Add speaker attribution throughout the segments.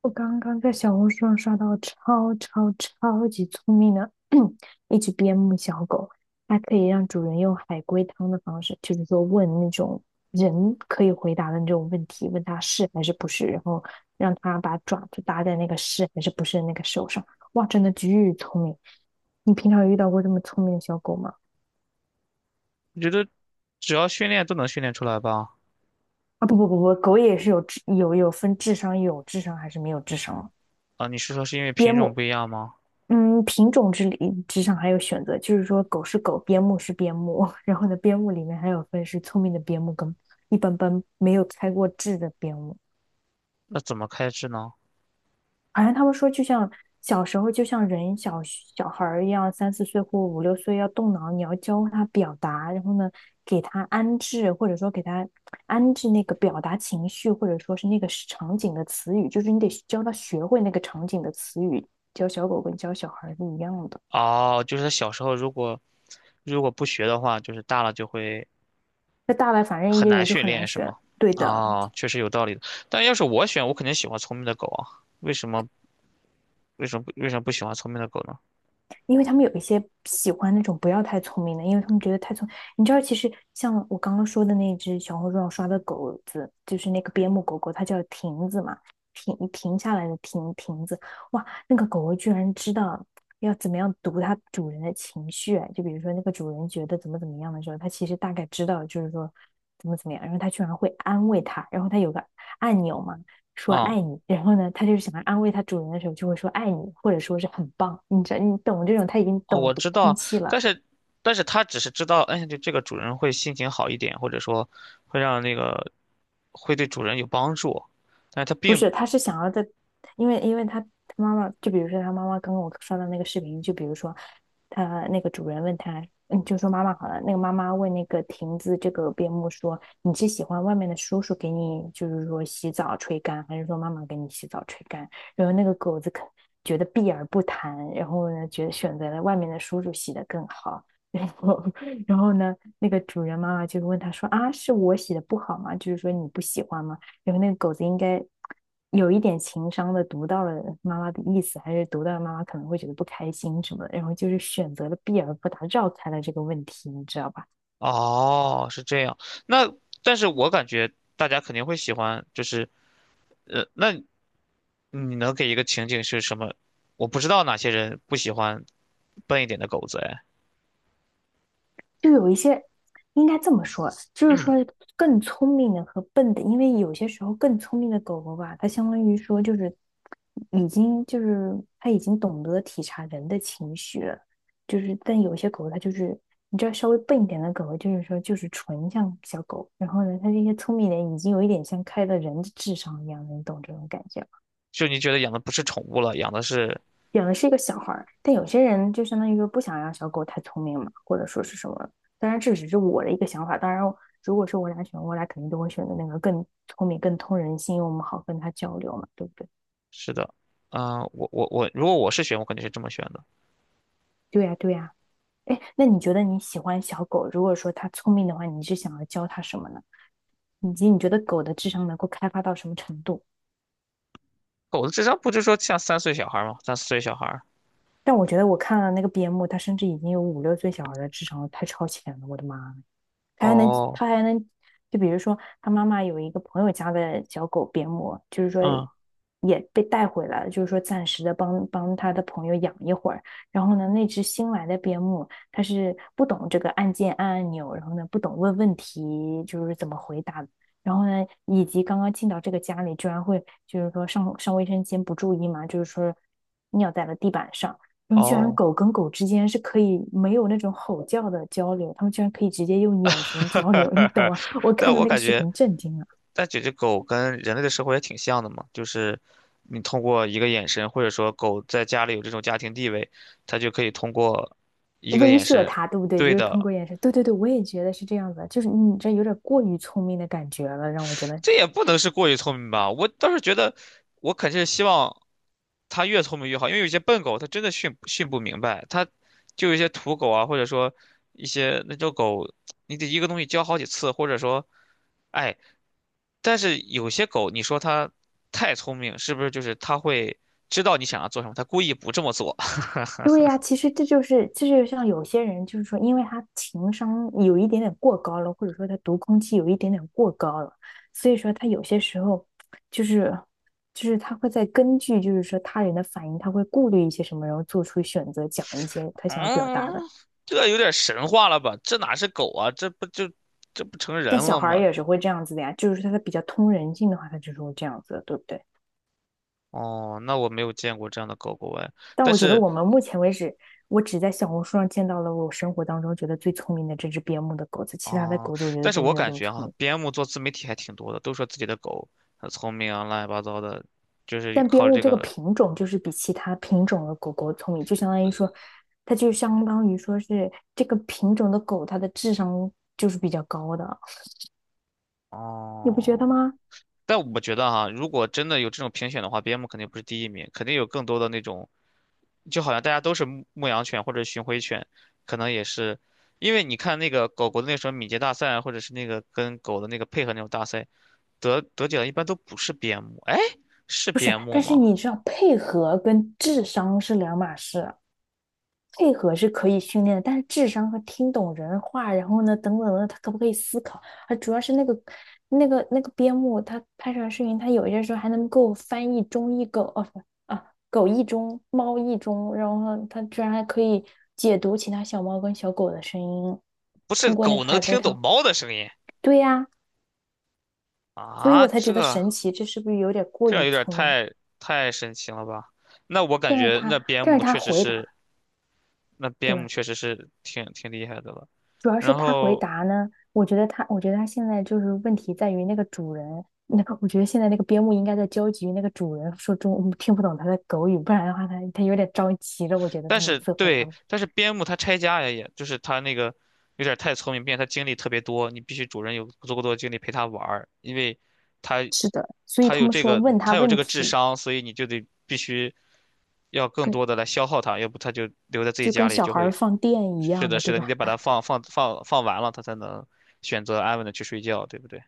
Speaker 1: 我刚刚在小红书上刷到超级聪明的 一只边牧小狗，它可以让主人用海龟汤的方式，就是说问那种人可以回答的那种问题，问他是还是不是，然后让他把爪子搭在那个是还是不是的那个手上。哇，真的巨聪明！你平常有遇到过这么聪明的小狗吗？
Speaker 2: 我觉得只要训练都能训练出来吧？
Speaker 1: 啊，不不不不，狗也是有智商还是没有智商。
Speaker 2: 啊，你是说是因为
Speaker 1: 边
Speaker 2: 品种
Speaker 1: 牧
Speaker 2: 不一样吗？
Speaker 1: 嗯，品种之上还有选择，就是说狗是狗，边牧是边牧，然后呢，边牧里面还有分是聪明的边牧跟一般般没有开过智的边牧。
Speaker 2: 那怎么开智呢？
Speaker 1: 好像他们说，就像小时候，就像人小孩儿一样，三四岁或五六岁要动脑，你要教他表达，然后呢，给他安置，或者说给他安置那个表达情绪，或者说是那个场景的词语，就是你得教他学会那个场景的词语，教小狗跟教小孩儿是一样的。
Speaker 2: 哦，就是它小时候如果不学的话，就是大了就会
Speaker 1: 那大了反正
Speaker 2: 很
Speaker 1: 也
Speaker 2: 难
Speaker 1: 也就
Speaker 2: 训
Speaker 1: 很
Speaker 2: 练，
Speaker 1: 难
Speaker 2: 是吗？
Speaker 1: 学。对的。
Speaker 2: 啊，确实有道理的。但要是我选，我肯定喜欢聪明的狗啊。为什么？为什么不喜欢聪明的狗呢？
Speaker 1: 因为他们有一些喜欢那种不要太聪明的，因为他们觉得太聪明，你知道，其实像我刚刚说的那只小红书上刷的狗子，就是那个边牧狗狗，它叫亭子嘛，停下来的亭子，哇，那个狗狗居然知道要怎么样读它主人的情绪，就比如说那个主人觉得怎么怎么样的时候，它其实大概知道，就是说怎么怎么样，然后它居然会安慰它，然后它有个按钮嘛，说
Speaker 2: 啊
Speaker 1: 爱你，然后呢，它就是想要安慰它主人的时候，就会说爱你，或者说是很棒，你这，你懂这种，它已经
Speaker 2: 啊，
Speaker 1: 懂
Speaker 2: 我
Speaker 1: 读
Speaker 2: 知
Speaker 1: 空
Speaker 2: 道，
Speaker 1: 气
Speaker 2: 但
Speaker 1: 了，
Speaker 2: 是它只是知道，哎，就这个主人会心情好一点，或者说会让那个会对主人有帮助。但是它
Speaker 1: 不是，
Speaker 2: 并
Speaker 1: 它是想要在。因为他妈妈，就比如说他妈妈刚刚我刷到那个视频，就比如说他那个主人问他，就说妈妈好了，那个妈妈问那个亭子这个边牧说，你是喜欢外面的叔叔给你就是说洗澡吹干，还是说妈妈给你洗澡吹干？然后那个狗子可觉得避而不谈，然后呢，觉得选择了外面的叔叔洗的更好。然后，然后呢，那个主人妈妈就问他说：“啊，是我洗的不好吗？就是说你不喜欢吗？”然后那个狗子应该有一点情商的读到了妈妈的意思，还是读到了妈妈可能会觉得不开心什么的，然后就是选择了避而不答，绕开了这个问题，你知道吧？
Speaker 2: 哦，是这样。那但是我感觉大家肯定会喜欢，就是那你能给一个情景是什么？我不知道哪些人不喜欢笨一点的狗子，哎，
Speaker 1: 就有一些应该这么说，就是
Speaker 2: 嗯，
Speaker 1: 说更聪明的和笨的，因为有些时候更聪明的狗狗吧，它相当于说就是已经就是它已经懂得体察人的情绪了，就是但有些狗它就是你知道稍微笨一点的狗狗，就是说就是纯像小狗，然后呢，它这些聪明人已经有一点像开了人的智商一样的，你懂这种感觉？
Speaker 2: 就你觉得养的不是宠物了，养的是
Speaker 1: 养的是一个小孩儿，但有些人就相当于说不想让小狗太聪明嘛，或者说是什么。当然，这只是我的一个想法。当然，如果是我俩选，我俩肯定都会选择那个更聪明、更通人性，因为我们好跟它交流嘛，对不对？
Speaker 2: 是的，嗯、我，如果我是选，我肯定是这么选的。
Speaker 1: 对呀，对呀。哎，那你觉得你喜欢小狗？如果说它聪明的话，你是想要教它什么呢？以及你觉得狗的智商能够开发到什么程度？
Speaker 2: 狗子智商不就说像三岁小孩吗？三四岁小孩儿。
Speaker 1: 但我觉得我看了那个边牧，它甚至已经有五六岁小孩的智商了，太超前了，我的妈！
Speaker 2: 哦，
Speaker 1: 他还能，就比如说他妈妈有一个朋友家的小狗边牧，就是说
Speaker 2: 嗯，
Speaker 1: 也被带回来了，就是说暂时的帮帮他的朋友养一会儿。然后呢，那只新来的边牧，它是不懂这个按按钮，然后呢不懂问问题，就是怎么回答的。然后呢，以及刚刚进到这个家里，居然会就是说上卫生间不注意嘛，就是说尿在了地板上。他们居然
Speaker 2: 哦，
Speaker 1: 狗跟狗之间是可以没有那种吼叫的交流，他们居然可以直接用眼神交流，你懂 吗？我看
Speaker 2: 但
Speaker 1: 到
Speaker 2: 我
Speaker 1: 那个
Speaker 2: 感
Speaker 1: 视
Speaker 2: 觉。
Speaker 1: 频震惊了。
Speaker 2: 但这只狗跟人类的生活也挺像的嘛，就是你通过一个眼神，或者说狗在家里有这种家庭地位，它就可以通过一个
Speaker 1: 威
Speaker 2: 眼
Speaker 1: 慑
Speaker 2: 神，
Speaker 1: 它，对不对？就
Speaker 2: 对
Speaker 1: 是通
Speaker 2: 的，
Speaker 1: 过眼神。对对对，我也觉得是这样子，就是你这有点过于聪明的感觉了，让我觉得。
Speaker 2: 这也不能是过于聪明吧？我倒是觉得，我肯定是希望它越聪明越好，因为有些笨狗它真的训不明白，它就有一些土狗啊，或者说一些那种狗，你得一个东西教好几次，或者说，哎，但是有些狗你说它太聪明，是不是就是它会知道你想要做什么，它故意不这么做？
Speaker 1: 对呀，其实这就是，这就是像有些人，就是说，因为他情商有一点点过高了，或者说他读空气有一点点过高了，所以说他有些时候就是，就是他会在根据就是说他人的反应，他会顾虑一些什么，然后做出选择，讲一些 他想要表
Speaker 2: 嗯，
Speaker 1: 达的。
Speaker 2: 这有点神话了吧？这哪是狗啊？这不就这不成
Speaker 1: 但
Speaker 2: 人
Speaker 1: 小
Speaker 2: 了
Speaker 1: 孩儿
Speaker 2: 吗？
Speaker 1: 也是会这样子的呀，就是说他比较通人性的话，他就是会这样子的对不对？
Speaker 2: 哦，那我没有见过这样的狗狗哎，
Speaker 1: 但
Speaker 2: 但
Speaker 1: 我觉得
Speaker 2: 是
Speaker 1: 我们目前为止，我只在小红书上见到了我生活当中觉得最聪明的这只边牧的狗子，其他的
Speaker 2: 哦，
Speaker 1: 狗子我觉得
Speaker 2: 但是
Speaker 1: 都
Speaker 2: 我
Speaker 1: 没有
Speaker 2: 感
Speaker 1: 那么
Speaker 2: 觉
Speaker 1: 聪
Speaker 2: 哈、
Speaker 1: 明。
Speaker 2: 边牧做自媒体还挺多的，都说自己的狗很聪明啊，乱七八糟的，就是
Speaker 1: 但边
Speaker 2: 靠
Speaker 1: 牧
Speaker 2: 这
Speaker 1: 这
Speaker 2: 个
Speaker 1: 个
Speaker 2: 来。
Speaker 1: 品种就是比其他品种的狗狗聪明，就相当于说，它就相当于说是这个品种的狗，它的智商就是比较高的，你不觉得
Speaker 2: 哦，
Speaker 1: 吗？
Speaker 2: 但我觉得哈、如果真的有这种评选的话，边牧肯定不是第一名，肯定有更多的那种，就好像大家都是牧羊犬或者巡回犬，可能也是，因为你看那个狗狗的那时什么敏捷大赛啊或者是那个跟狗的那个配合那种大赛，得奖的一般都不是边牧，哎，是
Speaker 1: 不是，
Speaker 2: 边牧
Speaker 1: 但是
Speaker 2: 吗？
Speaker 1: 你知道配合跟智商是两码事啊。配合是可以训练的，但是智商和听懂人话，然后呢，等等的，他可不可以思考？啊，主要是那个边牧，它拍出来视频，它有一些时候还能够翻译中译狗，哦不啊，狗译中，猫译中，然后它居然还可以解读其他小猫跟小狗的声音，
Speaker 2: 不是
Speaker 1: 通过那
Speaker 2: 狗
Speaker 1: 个
Speaker 2: 能
Speaker 1: 海龟
Speaker 2: 听懂
Speaker 1: 汤。
Speaker 2: 猫的声音
Speaker 1: 对呀，所以
Speaker 2: 啊？
Speaker 1: 我才觉得
Speaker 2: 这
Speaker 1: 神奇，这是不是有点过
Speaker 2: 这样
Speaker 1: 于
Speaker 2: 有点
Speaker 1: 聪明？
Speaker 2: 太太神奇了吧？那我感
Speaker 1: 但是
Speaker 2: 觉
Speaker 1: 他，
Speaker 2: 那边
Speaker 1: 但是
Speaker 2: 牧
Speaker 1: 他
Speaker 2: 确实
Speaker 1: 回答，
Speaker 2: 是，那
Speaker 1: 对
Speaker 2: 边牧
Speaker 1: 吧？
Speaker 2: 确实是挺挺厉害的了。
Speaker 1: 主要是
Speaker 2: 然
Speaker 1: 他回
Speaker 2: 后，
Speaker 1: 答呢，我觉得他现在就是问题在于那个主人，那个我觉得现在那个边牧应该在焦急于那个主人说中文，听不懂他的狗语，不然的话他有点着急了。我觉得
Speaker 2: 但
Speaker 1: 他每
Speaker 2: 是
Speaker 1: 次回答
Speaker 2: 对，
Speaker 1: 我。
Speaker 2: 但是边牧它拆家呀，也就是它那个有点太聪明，并且它精力特别多，你必须主人有足够多的精力陪它玩儿，因为它
Speaker 1: 是的，所以他们说问他
Speaker 2: 它有这
Speaker 1: 问
Speaker 2: 个智
Speaker 1: 题，
Speaker 2: 商，所以你就得必须要更
Speaker 1: 跟
Speaker 2: 多的来消耗它，要不它就留在自己
Speaker 1: 就
Speaker 2: 家
Speaker 1: 跟
Speaker 2: 里
Speaker 1: 小
Speaker 2: 就
Speaker 1: 孩儿
Speaker 2: 会
Speaker 1: 放电一
Speaker 2: 是
Speaker 1: 样
Speaker 2: 的，
Speaker 1: 的，
Speaker 2: 是
Speaker 1: 对
Speaker 2: 的，你
Speaker 1: 吧？
Speaker 2: 得把它放放完了，它才能选择安稳的去睡觉，对不对？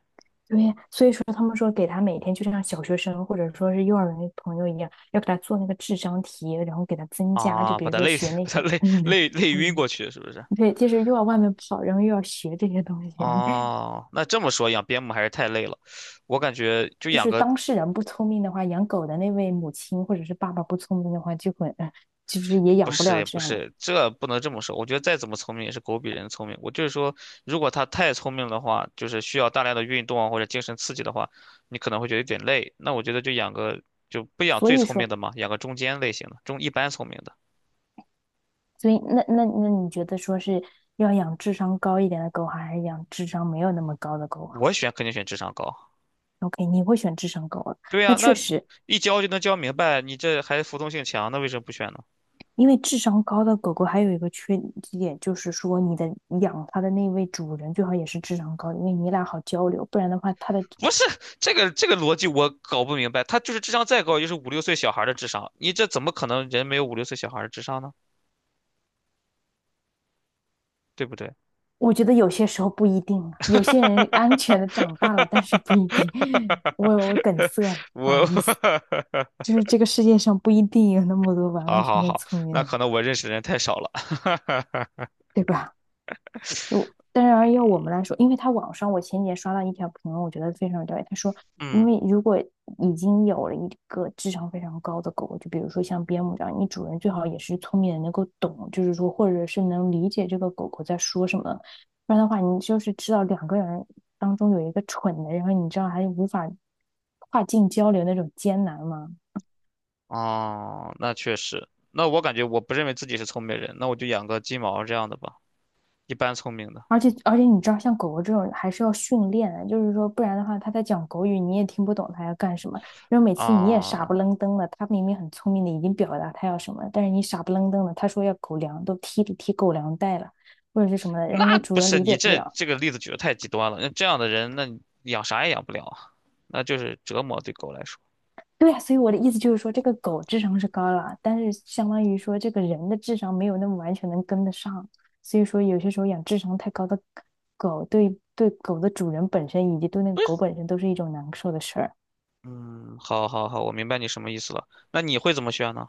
Speaker 1: 对，所以说他们说给他每天就像小学生或者说是幼儿园的朋友一样，要给他做那个智商题，然后给他增加，就
Speaker 2: 啊，
Speaker 1: 比
Speaker 2: 把
Speaker 1: 如
Speaker 2: 它
Speaker 1: 说
Speaker 2: 累，
Speaker 1: 学 那
Speaker 2: 把它
Speaker 1: 些，
Speaker 2: 累 累累晕
Speaker 1: 嗯
Speaker 2: 过去，是不是？
Speaker 1: 对，就是又要外面跑，然后又要学这些东西。
Speaker 2: 哦，那这么说养边牧还是太累了，我感觉就
Speaker 1: 就
Speaker 2: 养
Speaker 1: 是
Speaker 2: 个
Speaker 1: 当事人不聪明的话，养狗的那位母亲或者是爸爸不聪明的话，就会，其实也
Speaker 2: 不
Speaker 1: 养不
Speaker 2: 是
Speaker 1: 了
Speaker 2: 也
Speaker 1: 这
Speaker 2: 不
Speaker 1: 样的。
Speaker 2: 是，这不能这么说。我觉得再怎么聪明也是狗比人聪明。我就是说，如果它太聪明的话，就是需要大量的运动啊或者精神刺激的话，你可能会觉得有点累。那我觉得就养个就不养
Speaker 1: 所
Speaker 2: 最
Speaker 1: 以
Speaker 2: 聪明
Speaker 1: 说，
Speaker 2: 的嘛，养个中间类型的，中一般聪明的。
Speaker 1: 所以那那那你觉得说是要养智商高一点的狗好，还是养智商没有那么高的狗好
Speaker 2: 我选肯定选智商高。
Speaker 1: ？OK，你会选智商高的。
Speaker 2: 对
Speaker 1: 那
Speaker 2: 呀，
Speaker 1: 确
Speaker 2: 那
Speaker 1: 实，
Speaker 2: 一教就能教明白，你这还服从性强，那为什么不选呢？
Speaker 1: 因为智商高的狗狗还有一个缺点，就是说你的养它的那位主人最好也是智商高的，因为你俩好交流，不然的话，它的。
Speaker 2: 不是这个逻辑我搞不明白，他就是智商再高，就是五六岁小孩儿的智商，你这怎么可能人没有五六岁小孩儿的智商呢？对不对？
Speaker 1: 我觉得有些时候不一定啊，有些人安全的长大了，但是不一定。我梗塞了，不好
Speaker 2: 我
Speaker 1: 意思，就是这个世界上不一定有那么多完
Speaker 2: 好
Speaker 1: 完全
Speaker 2: 好
Speaker 1: 全
Speaker 2: 好，
Speaker 1: 聪明的
Speaker 2: 那
Speaker 1: 人，
Speaker 2: 可能我认识的人太少了。
Speaker 1: 对吧？当然要我们来说，因为他网上我前几天刷到一条评论，我觉得非常对。他说，因
Speaker 2: 嗯，
Speaker 1: 为如果已经有了一个智商非常高的狗，就比如说像边牧这样，你主人最好也是聪明的，能够懂，就是说或者是能理解这个狗狗在说什么。不然的话，你就是知道两个人当中有一个蠢的，然后你知道还无法跨境交流那种艰难吗？
Speaker 2: 哦，那确实，那我感觉我不认为自己是聪明人，那我就养个金毛这样的吧，一般聪明的
Speaker 1: 而且你知道，像狗狗这种还是要训练的就是说，不然的话，它在讲狗语，你也听不懂它要干什么。然后每次你也傻不
Speaker 2: 啊。
Speaker 1: 愣登的，它明明很聪明的，已经表达它要什么了但是你傻不愣登的，它说要狗粮，都踢踢狗粮袋了，或者是什么的，然后那
Speaker 2: 那
Speaker 1: 个主
Speaker 2: 不
Speaker 1: 人
Speaker 2: 是
Speaker 1: 理解
Speaker 2: 你
Speaker 1: 不
Speaker 2: 这
Speaker 1: 了。
Speaker 2: 这个例子举的太极端了。那这样的人，那你养啥也养不了啊，那就是折磨对狗来说。
Speaker 1: 对呀，所以我的意思就是说，这个狗智商是高了，但是相当于说这个人的智商没有那么完全能跟得上，所以说有些时候养智商太高的狗，对狗的主人本身以及对那个狗本身都是一种难受的事儿。
Speaker 2: 嗯，好好好，我明白你什么意思了。那你会怎么选呢？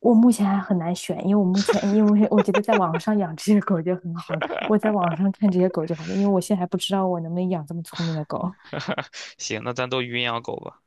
Speaker 1: 我目前还很难选，因为我目前，因为我觉得在网上养这些狗就很好了。我在网上看这些狗就好了，因为我现在还不知道我能不能养这么聪明的狗。
Speaker 2: 行，那咱都云养狗吧。